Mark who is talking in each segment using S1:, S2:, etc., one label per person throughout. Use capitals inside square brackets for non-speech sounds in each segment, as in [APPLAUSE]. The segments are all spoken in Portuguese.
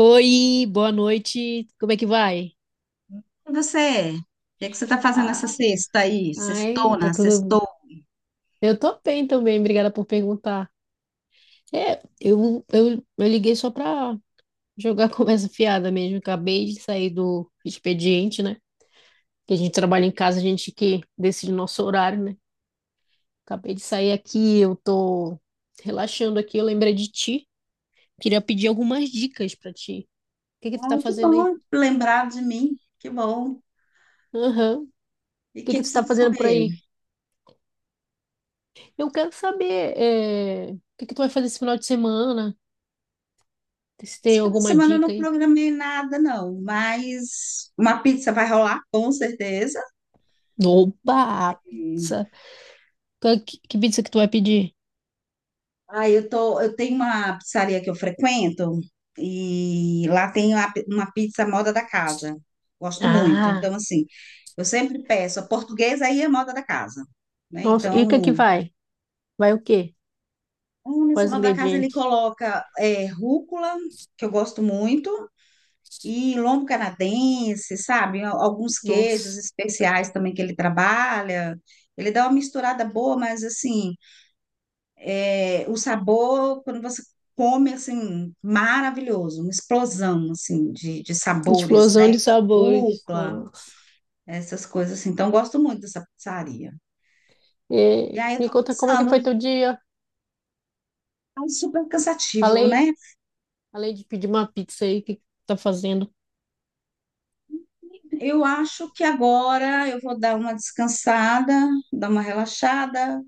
S1: Oi, boa noite. Como é que vai?
S2: E você? O que que você está fazendo essa
S1: Ah,
S2: sexta aí?
S1: ai, tá
S2: Sextona,
S1: tudo.
S2: sextou?
S1: Eu tô bem também, obrigada por perguntar. Eu liguei só pra jogar [LAUGHS] conversa fiada mesmo. Acabei de sair do expediente, né? Que a gente trabalha em casa, a gente que decide o nosso horário, né? Acabei de sair aqui, eu tô relaxando aqui, eu lembrei de ti. Queria pedir algumas dicas pra ti. O que que tu tá
S2: Ah, que
S1: fazendo aí?
S2: bom lembrar de mim. Que bom.
S1: Aham. O
S2: E o
S1: que que
S2: que que
S1: tu
S2: você
S1: tá
S2: quer
S1: fazendo por
S2: saber?
S1: aí? Eu quero saber, o que que tu vai fazer esse final de semana? Se tem
S2: Esse fim de
S1: alguma
S2: semana eu
S1: dica
S2: não
S1: aí.
S2: programei nada, não, mas uma pizza vai rolar, com certeza.
S1: Oba, pizza. Que pizza que tu vai pedir?
S2: Ah, eu tenho uma pizzaria que eu frequento e lá tem uma pizza moda da casa. Gosto muito.
S1: Ah,
S2: Então, assim, eu sempre peço a portuguesa aí é moda da casa, né?
S1: nossa, e o que é que
S2: Então,
S1: vai? Vai o quê?
S2: nessa
S1: Quais
S2: moda da casa ele
S1: ingredientes?
S2: coloca rúcula, que eu gosto muito, e lombo canadense, sabe? Alguns queijos
S1: Nossa,
S2: especiais também que ele trabalha. Ele dá uma misturada boa, mas assim. É, o sabor, quando você come, assim, maravilhoso, uma explosão, assim, de sabores,
S1: explosão
S2: né?
S1: de sabores.
S2: Rúcula,
S1: Nossa.
S2: essas coisas, assim. Então, eu gosto muito dessa pizzaria. E
S1: E
S2: aí, eu
S1: me
S2: tô
S1: conta como é que
S2: pensando,
S1: foi teu dia?
S2: é super cansativo,
S1: Falei,
S2: né?
S1: falei de pedir uma pizza aí, o que que tu tá fazendo?
S2: Eu acho que agora eu vou dar uma descansada, dar uma relaxada.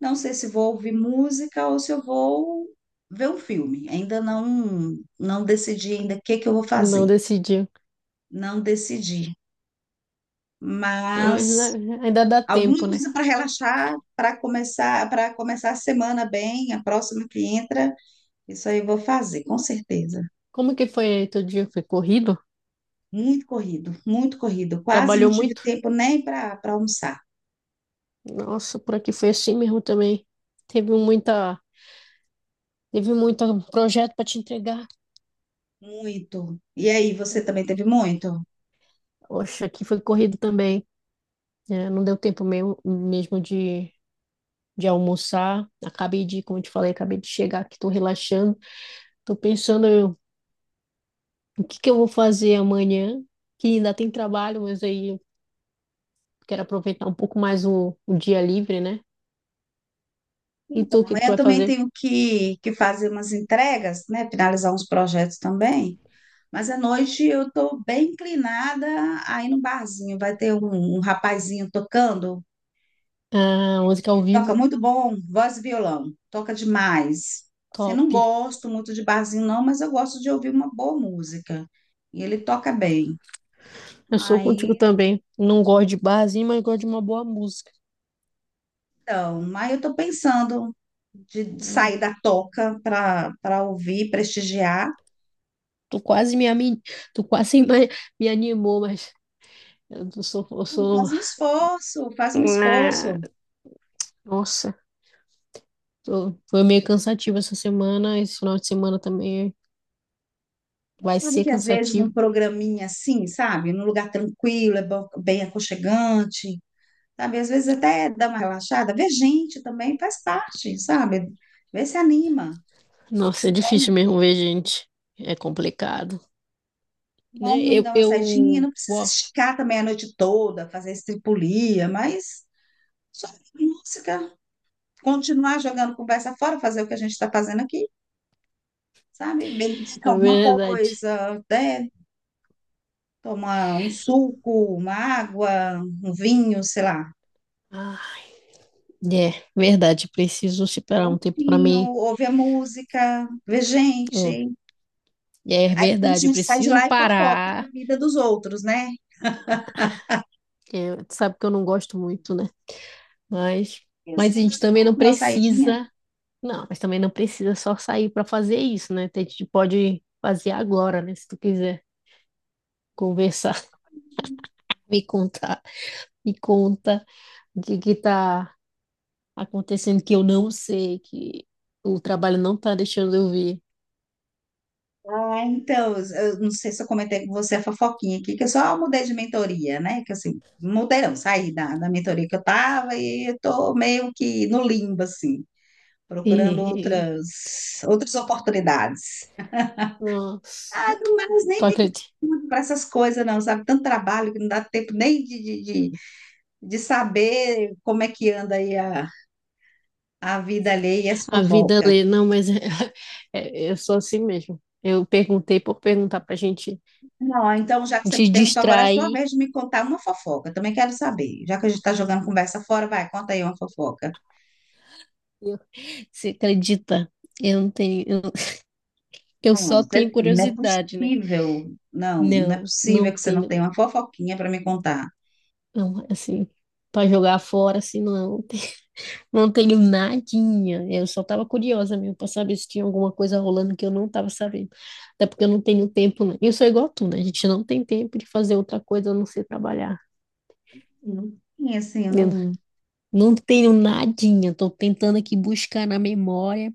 S2: Não sei se vou ouvir música ou se eu vou ver um filme. Ainda não, não decidi ainda o que que eu vou
S1: Não
S2: fazer.
S1: decidiu.
S2: Não decidi.
S1: Ah, mas
S2: Mas
S1: né, ainda dá
S2: alguma
S1: tempo, né?
S2: coisa para relaxar, para começar a semana bem, a próxima que entra. Isso aí eu vou fazer, com certeza.
S1: Como que foi aí teu dia? Foi corrido?
S2: Muito corrido, muito corrido. Quase não
S1: Trabalhou
S2: tive
S1: muito?
S2: tempo nem para almoçar.
S1: Nossa, por aqui foi assim mesmo também. Teve muita, teve muito projeto para te entregar.
S2: Muito. E aí, você também teve muito?
S1: Oxe, aqui foi corrido também. Né? Não deu tempo mesmo, de almoçar. Como eu te falei, acabei de chegar aqui, estou relaxando. Estou pensando o que que eu vou fazer amanhã, que ainda tem trabalho, mas aí eu quero aproveitar um pouco mais o dia livre, né? E
S2: Então,
S1: tu, o que que tu
S2: amanhã
S1: vai
S2: também
S1: fazer?
S2: tenho que fazer umas entregas, né? Finalizar uns projetos também. Mas à noite eu estou bem inclinada aí no barzinho. Vai ter um rapazinho tocando.
S1: Ah, música ao vivo,
S2: Toca muito bom, voz e violão. Toca demais. Assim,
S1: top.
S2: não gosto muito de barzinho, não, mas eu gosto de ouvir uma boa música. E ele toca bem.
S1: Eu sou
S2: Aí,
S1: contigo também. Não gosto de barzinho, mas gosto de uma boa música.
S2: então, aí eu tô pensando de sair da toca para ouvir, prestigiar.
S1: Tu quase me, ami- tu quase [LAUGHS] me animou, mas eu sou.
S2: Faz um esforço, faz um
S1: Ah,
S2: esforço.
S1: nossa, foi meio cansativo essa semana. Esse final de semana também vai
S2: Você sabe
S1: ser
S2: que às vezes
S1: cansativo.
S2: num programinha assim, sabe? Num lugar tranquilo, é bem aconchegante, sabe? Às vezes até dá uma relaxada. Ver gente também, faz parte, sabe? Vê se anima.
S1: Nossa, é difícil
S2: Bom,
S1: mesmo ver gente. É complicado, né?
S2: bom
S1: Eu,
S2: dar uma saidinha,
S1: eu,
S2: não precisa
S1: ó,
S2: esticar também a noite toda, fazer estripulia, mas só música, continuar jogando conversa fora, fazer o que a gente está fazendo aqui, sabe? Beber
S1: é
S2: alguma
S1: verdade.
S2: coisa, né? Tomar um suco, uma água, um vinho, sei lá.
S1: Ah, é verdade. Preciso separar um tempo para mim.
S2: Vinho, ouvir a música, ver
S1: Hum,
S2: gente.
S1: é
S2: Aí depois
S1: verdade.
S2: a
S1: Eu
S2: gente sai de
S1: preciso
S2: lá e fofoca da
S1: parar.
S2: vida dos outros, né?
S1: É, tu sabe que eu não gosto muito, né? Mas,
S2: Eu
S1: mas a
S2: sei,
S1: gente
S2: mas
S1: também
S2: bom,
S1: não
S2: dar uma saidinha.
S1: precisa Não, mas também não precisa só sair para fazer isso, né? A gente pode fazer agora, né? Se tu quiser conversar, [LAUGHS] me contar, me conta o que que tá acontecendo que eu não sei, que o trabalho não tá deixando eu ver.
S2: Ah, então, eu não sei se eu comentei com você a fofoquinha aqui, que eu só mudei de mentoria, né? Que assim, mudei não, saí da mentoria que eu tava e eu tô meio que no limbo, assim, procurando
S1: E,
S2: outras oportunidades.
S1: [LAUGHS] nossa,
S2: Mas
S1: tu
S2: nem tem
S1: acredita?
S2: tempo para essas coisas, não, sabe? Tanto trabalho que não dá tempo nem de, de saber como é que anda aí a vida alheia e as
S1: A vida
S2: fofocas.
S1: lê, não, mas é, [LAUGHS] é- eu sou assim mesmo. Eu perguntei por perguntar pra gente
S2: Não, então, já que você
S1: te
S2: me perguntou, agora é a sua
S1: distrair.
S2: vez de me contar uma fofoca. Também quero saber. Já que a gente está jogando conversa fora, vai, conta aí uma fofoca.
S1: Você acredita? Eu não tenho, eu
S2: Não,
S1: só
S2: você
S1: tenho
S2: tem, não é
S1: curiosidade, né?
S2: possível. Não, não é
S1: Não, não
S2: possível que você não
S1: tenho,
S2: tenha uma
S1: não.
S2: fofoquinha para me contar.
S1: Não, assim, para jogar fora, assim, não, tem- [LAUGHS] não tenho nadinha. Eu só estava curiosa mesmo para saber se tinha alguma coisa rolando que eu não estava sabendo. Até porque eu não tenho tempo, né? Eu sou igual a tu, né? A gente não tem tempo de fazer outra coisa a não ser trabalhar.
S2: Não tem, assim, eu
S1: Eu
S2: não.
S1: não tenho nadinha. Tô tentando aqui buscar na memória,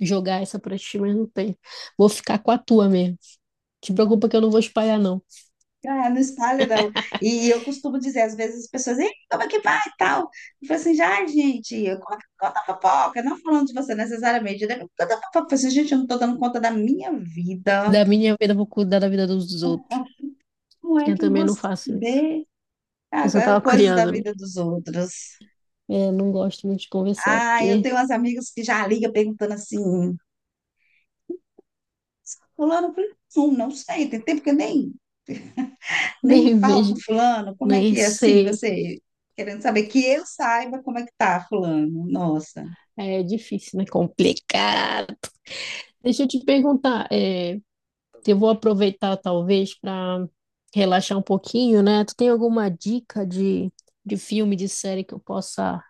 S1: jogar essa pra ti, mas não tem. Vou ficar com a tua mesmo. Te preocupa que eu não vou espalhar, não.
S2: Ah, não espalha, não. E eu costumo dizer, às vezes, as pessoas, "Ei, como é que vai e tal?" Eu falo assim, já, gente, eu conta a fofoca, não falando de você necessariamente, né? Conta a fofoca. Eu falo assim, gente, eu não estou dando conta da minha vida.
S1: Da minha vida, eu vou cuidar da vida dos outros.
S2: Como é
S1: Eu
S2: que eu
S1: também
S2: vou
S1: não faço isso.
S2: saber?
S1: Eu só
S2: Ah,
S1: tava
S2: coisas da
S1: curiosa
S2: vida
S1: mesmo.
S2: dos outros.
S1: Eu não gosto muito de conversar,
S2: Ah, eu
S1: porque
S2: tenho
S1: [LAUGHS]
S2: umas amigas que já ligam perguntando assim, fulano, fulano, não, não sei, tem tempo que eu nem
S1: nem
S2: falo com
S1: vejo,
S2: fulano, como é
S1: nem
S2: que é assim,
S1: sei.
S2: você querendo saber que eu saiba como é que tá fulano, nossa.
S1: É difícil, né? Complicado. Deixa eu te perguntar, eu vou aproveitar talvez para relaxar um pouquinho, né? Tu tem alguma dica de filme, de série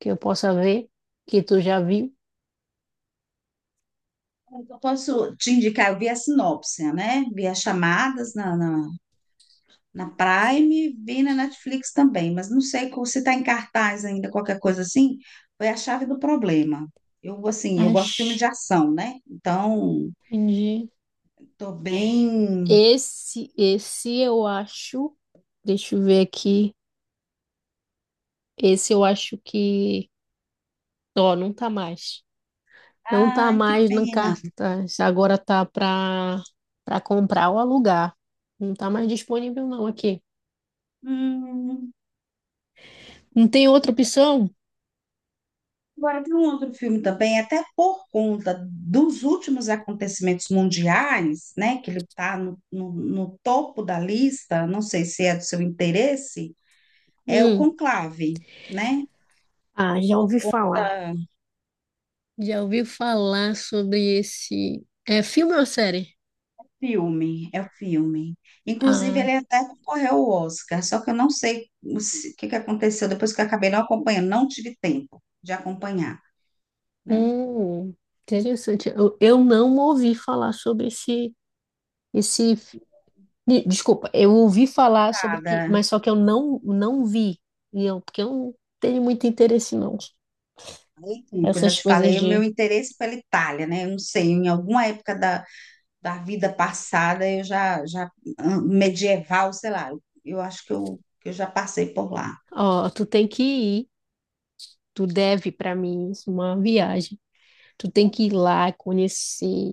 S1: que eu possa ver, que tu já viu?
S2: Eu posso te indicar, eu vi a sinopse, né? Vi as chamadas na Prime, vi na Netflix também, mas não sei se tá em cartaz ainda, qualquer coisa assim, foi a chave do problema. Eu, assim, eu gosto de filme de
S1: Acho.
S2: ação, né? Então...
S1: Entendi.
S2: Tô bem.
S1: Esse eu acho. Deixa eu ver aqui. Esse eu acho que. Ó, não tá mais. Não tá
S2: Ai, que
S1: mais na
S2: pena.
S1: cartaz. Agora tá para comprar ou alugar. Não tá mais disponível não aqui.
S2: Hum,
S1: Não tem outra opção?
S2: Agora tem um outro filme também, até por conta dos últimos acontecimentos mundiais, né? Que ele está no topo da lista, não sei se é do seu interesse, é o
S1: Hum.
S2: Conclave, né?
S1: Ah, já
S2: Por
S1: ouvi falar.
S2: conta
S1: Já ouvi falar sobre esse. É filme ou série?
S2: filme, é o filme. Inclusive,
S1: Ah,
S2: ele até concorreu ao Oscar, só que eu não sei o se- o que que aconteceu depois que eu acabei não acompanhando, não tive tempo de acompanhar, né?
S1: hum, interessante. Eu não ouvi falar sobre esse. Desculpa, eu ouvi falar sobre que, mas só que eu não vi. E eu, porque eu não tenho muito interesse não.
S2: Sim, que eu já
S1: Essas
S2: te
S1: coisas
S2: falei, o meu
S1: de
S2: interesse pela Itália, né? Eu não sei, em alguma época da vida passada, eu já medieval, sei lá, eu acho que eu já passei por lá.
S1: Ó, tu tem que ir, tu deve para mim isso, uma viagem. Tu tem que ir lá, conhecer,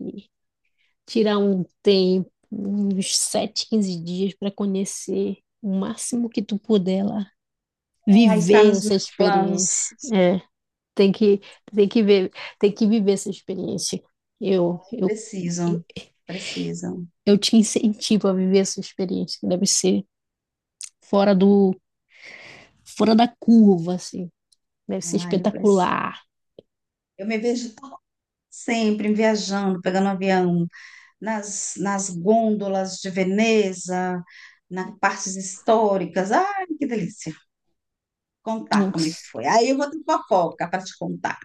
S1: tirar um tempo, uns 7, 15 dias para conhecer o máximo que tu puder lá.
S2: Ah, está
S1: Viver
S2: nos
S1: essa
S2: meus
S1: experiência.
S2: planos.
S1: É, tem que, tem que ver, tem que viver essa experiência. Eu, eu,
S2: Precisam, precisam.
S1: eu te incentivo a viver essa experiência, que deve ser fora do, fora da curva, assim. Deve ser
S2: Ah, eu preciso.
S1: espetacular.
S2: Eu me vejo sempre viajando, pegando um avião, nas gôndolas de Veneza, nas partes históricas. Ai, que delícia. Contar como é que
S1: Nossa.
S2: foi. Aí eu vou ter fofoca para te contar.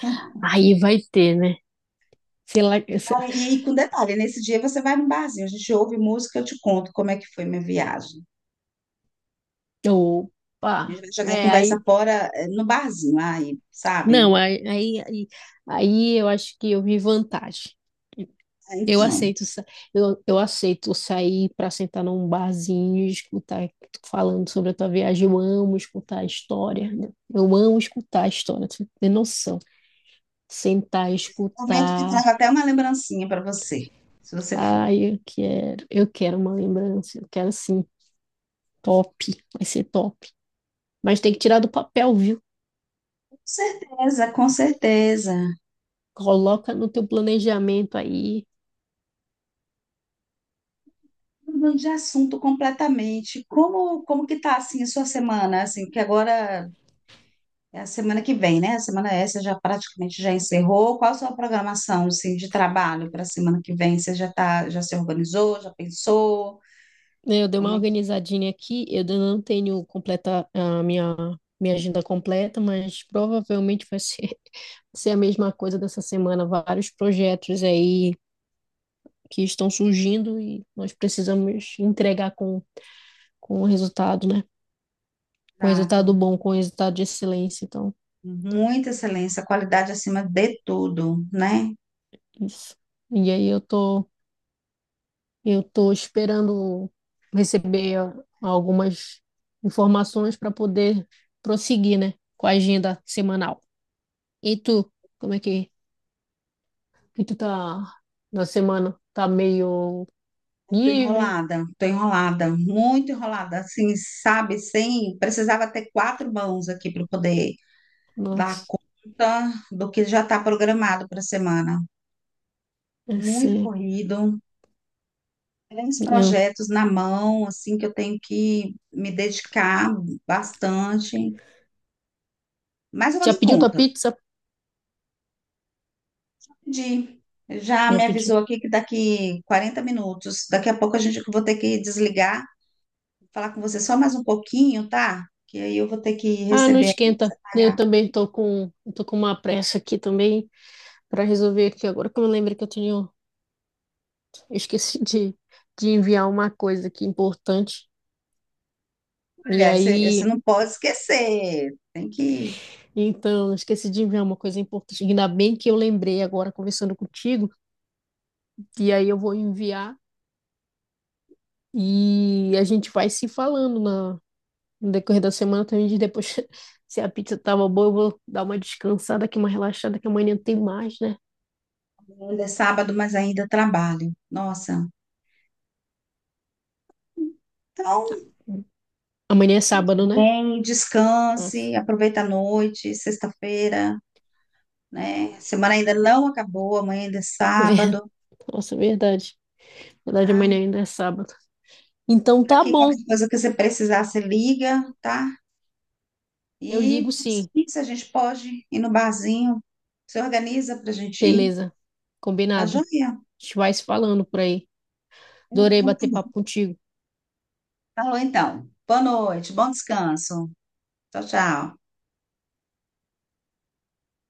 S2: Cara,
S1: Aí vai ter, né? Sei lá, essa-
S2: e com detalhe, nesse dia você vai num barzinho, a gente ouve música, eu te conto como é que foi minha viagem. A
S1: opa,
S2: gente vai jogar a
S1: é,
S2: conversa
S1: aí,
S2: fora no barzinho, aí, sabe?
S1: não, aí eu acho que eu vi vantagem.
S2: Ah,
S1: Eu
S2: então,
S1: aceito, sa- eu aceito sair para sentar num barzinho e escutar tu falando sobre a tua viagem. Eu amo escutar a história, né? Eu amo escutar a história, tu não tem noção. Sentar e
S2: momento que
S1: escutar.
S2: trago até uma lembrancinha para você, se você for.
S1: Ai, eu quero uma lembrança, eu quero sim, top, vai ser top. Mas tem que tirar do papel, viu?
S2: Com certeza, com certeza.
S1: Coloca no teu planejamento aí.
S2: Mudando de assunto completamente. Como que tá assim a sua semana? Assim, que agora é a semana que vem, né? A semana essa já praticamente já encerrou. Qual a sua programação, assim, de trabalho para a semana que vem? Você já tá, já se organizou, já pensou?
S1: Né, eu dei uma
S2: Como é que
S1: organizadinha aqui, eu ainda não tenho completa a minha agenda completa, mas provavelmente [LAUGHS] ser a mesma coisa dessa semana. Vários projetos aí que estão surgindo e nós precisamos entregar com o resultado, né? Com
S2: tá?
S1: resultado
S2: Então,
S1: bom, com resultado de excelência. Então,
S2: muita excelência, qualidade acima de tudo, né?
S1: isso. E aí eu tô, eu tô esperando receber algumas informações para poder prosseguir, né? Com a agenda semanal. E tu, como é que, que tu tá na semana? Tá meio livre?
S2: Tô enrolada, muito enrolada, assim, sabe? Sem, precisava ter quatro mãos aqui para poder dar
S1: Nossa,
S2: conta do que já está programado para a semana.
S1: essa,
S2: Muito
S1: é,
S2: corrido, é uns
S1: eu-
S2: projetos na mão, assim, que eu tenho que me dedicar bastante, mas eu vou
S1: já
S2: dar
S1: pediu tua
S2: conta.
S1: pizza?
S2: De, Já
S1: Já
S2: me
S1: pedi.
S2: avisou aqui que daqui 40 minutos, daqui a pouco a gente eu vou ter que desligar, falar com você só mais um pouquinho, tá? Que aí eu vou ter que
S1: Ah, não
S2: receber a pizza,
S1: esquenta. Eu
S2: pagar.
S1: também tô com uma pressa aqui também para resolver aqui. Agora que eu me lembro que eu tinha, eu esqueci de, de enviar uma coisa aqui importante. E
S2: Olha, você
S1: aí,
S2: não pode esquecer. Tem que.
S1: então, eu esqueci de enviar uma coisa importante. Ainda bem que eu lembrei agora conversando contigo. E aí eu vou enviar. E a gente vai se falando no decorrer da semana também diz depois [LAUGHS] se a pizza tava boa, eu vou dar uma descansada aqui, uma relaxada, que amanhã tem mais, né?
S2: Ainda é sábado, mas ainda trabalho. Nossa. Então,
S1: Amanhã é sábado, né?
S2: bem,
S1: Nossa,
S2: descanse, aproveita a noite, sexta-feira. Né? A semana ainda não acabou, amanhã ainda é
S1: ver-
S2: sábado,
S1: [LAUGHS] nossa, verdade. Verdade,
S2: tá?
S1: amanhã ainda é sábado. Então
S2: Tá
S1: tá
S2: aqui
S1: bom,
S2: qualquer coisa que você precisar, você liga, tá?
S1: eu ligo
S2: E
S1: sim.
S2: sim, se a gente pode ir no barzinho, se organiza pra gente ir,
S1: Beleza,
S2: tá
S1: combinado.
S2: joia?
S1: A gente vai se falando por aí. Adorei
S2: Então, tá
S1: bater papo
S2: bom.
S1: contigo.
S2: Falou então. Boa noite, bom descanso. Tchau, tchau.